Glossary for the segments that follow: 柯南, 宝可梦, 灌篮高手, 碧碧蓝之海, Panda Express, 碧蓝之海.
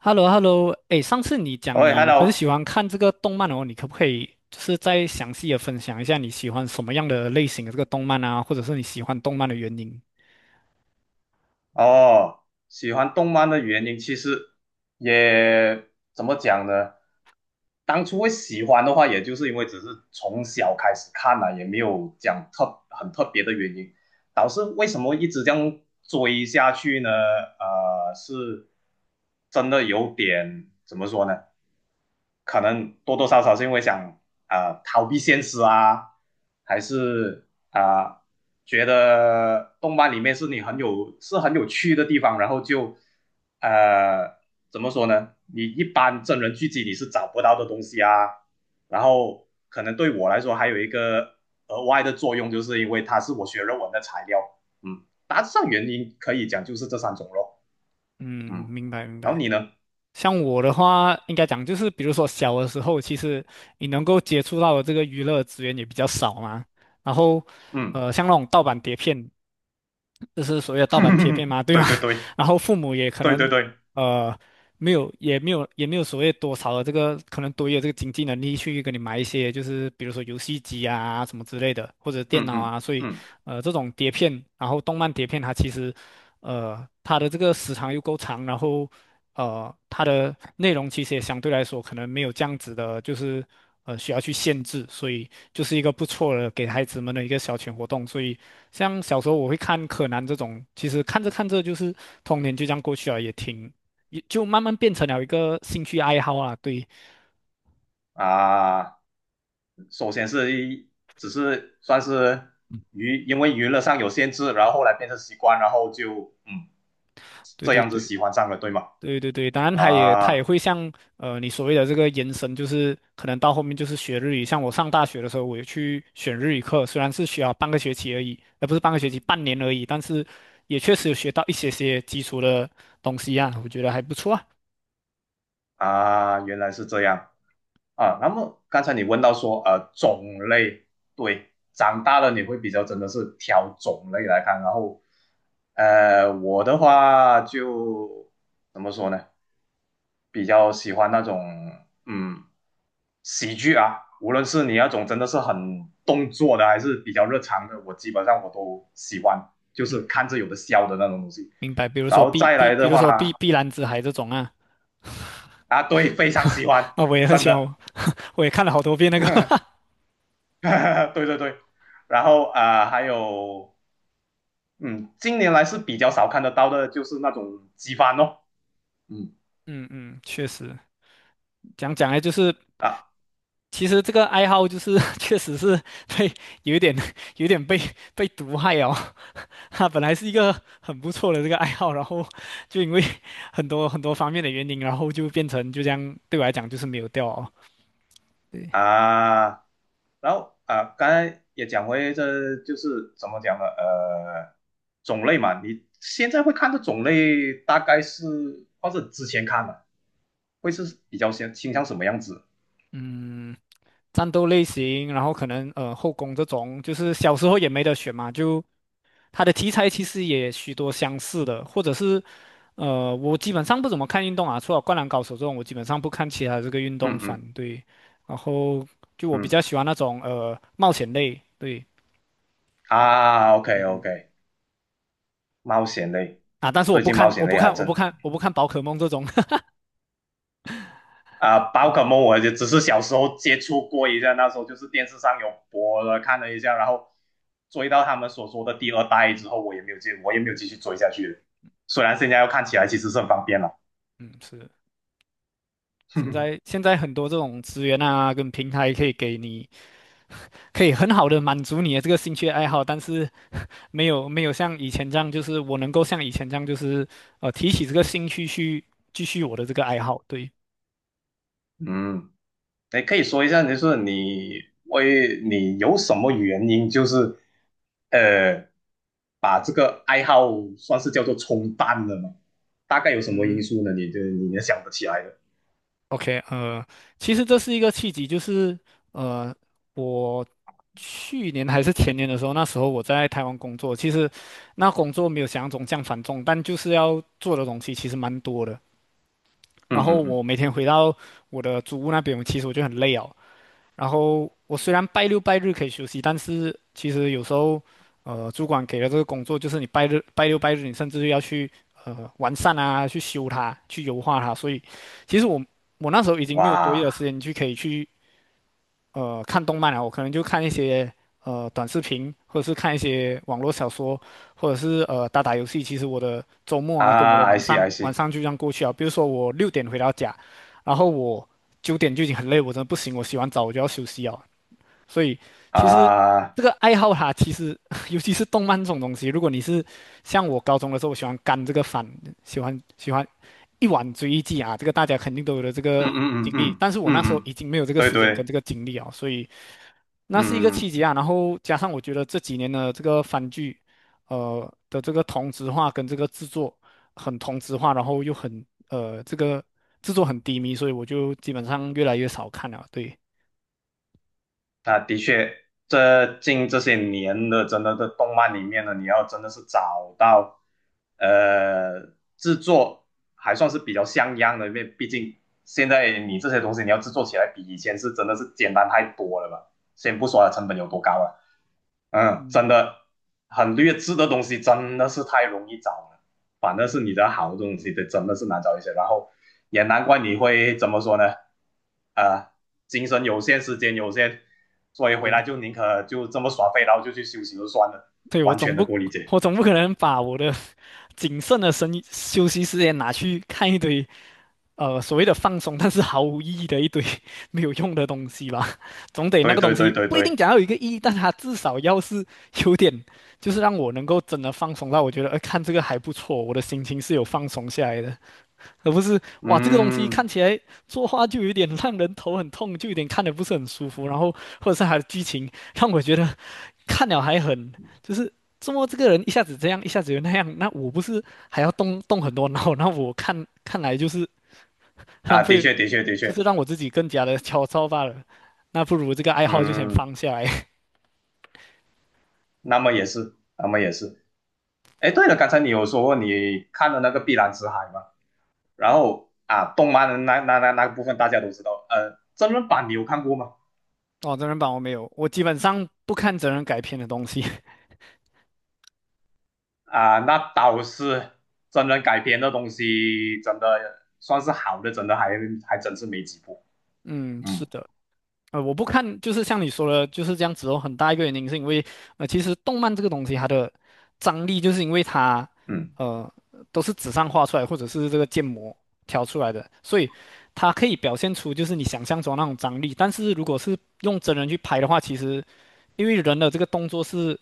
h e l l o h e l l o 哎，上次你讲喂你很，Hello，喜欢看这个动漫哦，你可不可以就是再详细的分享一下你喜欢什么样的类型的这个动漫啊，或者是你喜欢动漫的原因？哦，喜欢动漫的原因其实也怎么讲呢？当初会喜欢的话，也就是因为只是从小开始看了，也没有讲很特别的原因。导致为什么一直这样追下去呢？是真的有点怎么说呢？可能多多少少是因为想啊逃避现实啊，还是啊、觉得动漫里面是你很有是很有趣的地方，然后就呃怎么说呢？你一般真人剧集你是找不到的东西啊。然后可能对我来说还有一个额外的作用，就是因为它是我学论文的材料。嗯，大致上原因可以讲就是这三种咯。嗯，嗯，明白明然后白。你呢？像我的话，应该讲就是，比如说小的时候，其实你能够接触到的这个娱乐资源也比较少嘛。然后，嗯，像那种盗版碟片，就是所谓的盗版贴片嘛，对吗？对对对 然后父母也可对能。对对，呃。没有，也没有，也没有所谓多少的这个，可能多有这个经济能力去给你买一些，就是比如说游戏机啊什么之类的，或者电嗯脑嗯啊。所以，嗯这种碟片，然后动漫碟片，它其实，它的这个时长又够长，然后，它的内容其实也相对来说可能没有这样子的，就是需要去限制，所以就是一个不错的给孩子们的一个消遣活动。所以，像小时候我会看柯南这种，其实看着看着就是童年就这样过去了，也挺。也就慢慢变成了一个兴趣爱好啊。对，啊，首先只是算是因为娱乐上有限制，然后后来变成习惯，然后就对这对样子对喜欢上了，对吗？对对对，当然他也啊会像你所谓的这个延伸，就是可能到后面就是学日语。像我上大学的时候，我也去选日语课，虽然是学了半个学期而已，而不是半个学期，半年而已，但是也确实有学到一些些基础的东西啊，我觉得还不错啊。啊，原来是这样啊。那么刚才你问到说种类，对，长大了你会比较真的是挑种类来看，然后我的话就怎么说呢？比较喜欢那种嗯喜剧啊，无论是你那种真的是很动作的，还是比较日常的，我基本上我都喜欢，就是嗯，看着有的笑的那种东西。明白。然后再来比的如说碧话碧蓝之海这种啊，啊，对，非常喜 欢，啊，我也很真喜的，欢，我也看了好多遍那个。对对对。然后啊、还有嗯，近年来是比较少看得到的，就是那种机翻咯，嗯嗯嗯，确实，讲讲来就是啊其实这个爱好就是 确实是被有一点有一点被毒害哦，它本来是一个很不错的这个爱好，然后就因为很多很多方面的原因，然后就变成就这样对我来讲就是没有掉哦。啊。然后啊、刚才也讲回这就是怎么讲呢？种类嘛，你现在会看的种类大概是，或者之前看的会是比较先倾向什么样子？嗯，战斗类型，然后可能后宫这种，就是小时候也没得选嘛，就它的题材其实也许多相似的，或者是，我基本上不怎么看运动啊，除了《灌篮高手》这种，我基本上不看其他这个运动嗯番。嗯对，然后就我比嗯较喜欢那种冒险类，对啊，OK OK，冒险类，啊，但是我最不近冒看，我险不类还看，我真不的看，我不看宝可梦这种。啊，宝可对梦我就只是小时候接触过一下，那时候就是电视上有播了看了一下，然后追到他们所说的第二代之后，我也没有继续追下去了，虽然现在要看起来其实是很方便了。嗯，是，现在 现在很多这种资源啊，跟平台可以给你。可以很好的满足你的这个兴趣爱好，但是 没有没有像以前这样，就是我能够像以前这样，就是提起这个兴趣去继续我的这个爱好。对，嗯，你可以说一下，就是你为你有什么原因，就是呃，把这个爱好算是叫做冲淡了吗？大概有什么嗯因素呢？你就你也想不起来了。，OK，其实这是一个契机，就是呃我去年还是前年的时候，那时候我在台湾工作，其实那工作没有想象中这样繁重，但就是要做的东西其实蛮多的。嗯然后嗯我嗯，每天回到我的祖屋那边，其实我就很累哦。然后我虽然拜六拜日可以休息，但是其实有时候，主管给了这个工作，就是你拜日、拜六拜日，你甚至要去完善啊，去修它，去优化它。所以，其实我那时候已经没有多余的时哇间去可以去看动漫了，我可能就看一些短视频，或者是看一些网络小说，或者是打打游戏。其实我的周末啊，跟我的啊，I 晚 see 上 I 晚 see 上就这样过去啊。比如说我六点回到家，然后我九点就已经很累，我真的不行，我洗完澡我就要休息啊。所以其实啊，这个爱好它其实 尤其是动漫这种东西，如果你是像我高中的时候，我喜欢干这个番，喜欢一晚追一季啊，这个大家肯定都有的这嗯个嗯嗯嗯经历。嗯但是我那时嗯，候嗯已经没有这个对时间跟对，这个精力啊，所以那是一个嗯。契机啊。然后加上我觉得这几年的这个番剧，的这个同质化跟这个制作很同质化，然后又很这个制作很低迷，所以我就基本上越来越少看了。对，那的确，这近这些年的真的在动漫里面呢，你要真的是找到，呃，制作还算是比较像样的，因为毕竟现在你这些东西你要制作起来比以前是真的是简单太多了吧。先不说它成本有多高了，嗯，真的很劣质的东西真的是太容易找了，反正是你的好东西的真的是难找一些。然后也难怪你会怎么说呢？啊，精神有限，时间有限，所以回来对。就宁可就这么耍废，然后就去休息就算了，对，我完总全的不够理解。我总不可能把我的 谨慎的生休息时间拿去看一堆所谓的放松，但是毫无意义的一堆 没有用的东西吧？总得那对个东对对西对不一定对，讲要有一个意义，但它至少要是 有点，就是让我能够真的放松到我觉得，看这个还不错，我的心情是有放松下来的，而不是哇这个东西嗯看起来作画就有点 让人头很痛，就有点看的不是很舒服，然后或者是它的剧情让我觉得。看了还很，就是怎么这个人一下子这样，一下子又那样，那我不是还要动动很多脑？那我看看来就是浪啊，的费，确的确的确，就是让我自己更加的焦躁罢了。那不如这个爱好就先嗯，放下来。那么也是，那么也是。哎，对了，刚才你有说过你看了那个《碧蓝之海》吗？然后啊，动漫的那个部分大家都知道，真人版你有看过吗？哦，真人版我没有，我基本上不看真人改编的东西。啊，那倒是真人改编的东西，真的算是好的，真的还真是没几部。嗯，是嗯的。我不看，就是像你说的，就是这样子哦。很大一个原因是因为，其实动漫这个东西它的张力，就是因为它，嗯呃，都是纸上画出来，或者是这个建模调出来的，所以它可以表现出就是你想象中那种张力。但是如果是用真人去拍的话，其实因为人的这个动作是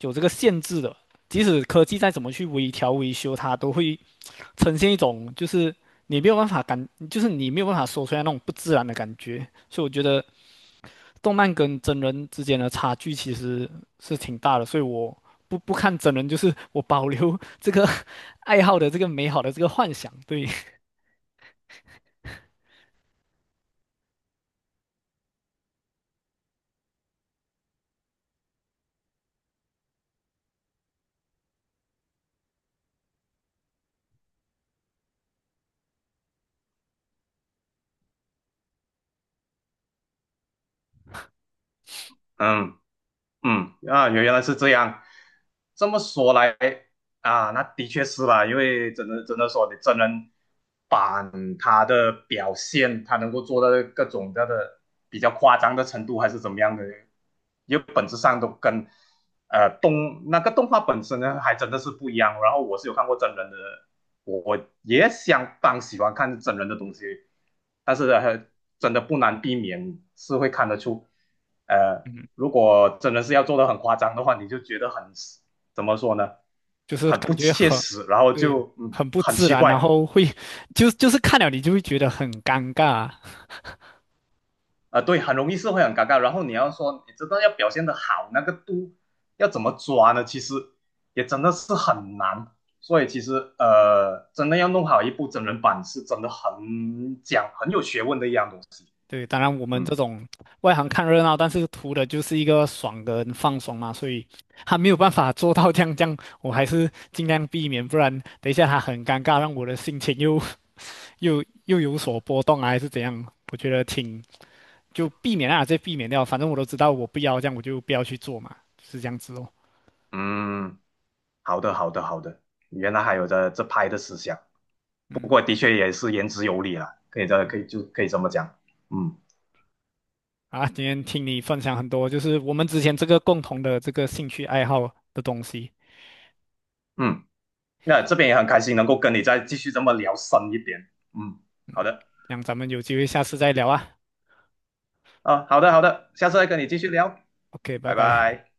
有这个限制的，即使科技再怎么去微调、维修，它都会呈现一种就是你没有办法感，就是你没有办法说出来那种不自然的感觉。所以我觉得。动漫跟真人之间的差距其实是挺大的，所以我不看真人，就是我保留这个 爱好的这个美好的这个幻想，对，嗯，嗯，啊，原来是这样。这么说来啊，那的确是吧，因为真的真的说，你真人版他的表现，他能够做到各种各样的比较夸张的程度，还是怎么样的，因为本质上都跟那个动画本身呢，还真的是不一样。然后我是有看过真人的，我也相当喜欢看真人的东西，但是真的不难避免是会看得出。呃，嗯，如果真的是要做的很夸张的话，你就觉得很怎么说呢，就是很感不觉切很，实，然后对，就很不很自奇然，怪然啊、后会就是看了你就会觉得很尴尬，对，很容易是会很尴尬。然后你要说你真的要表现的好，那个度要怎么抓呢？其实也真的是很难。所以其实真的要弄好一部真人版，是真的很讲很有学问的一样东西。对，当然我们这嗯种外行看热闹，但是图的就是一个爽跟放松嘛，所以他没有办法做到这样这样，我还是尽量避免，不然等一下他很尴尬，让我的心情又有所波动啊，还是怎样？我觉得挺就避免啊，这避免掉。反正我都知道我不要这样，我就不要去做嘛，是这样子哦。嗯，好的好的好的，原来还有这拍的思想。不过的确也是言之有理了，可以这么讲，嗯啊，今天听你分享很多，就是我们之前这个共同的这个兴趣爱好的东西，嗯，那这边也很开心能够跟你再继续这么聊深一点，嗯，好的让咱们有机会下次再聊啊。啊，好的好的，下次再跟你继续聊，OK，拜拜拜。拜。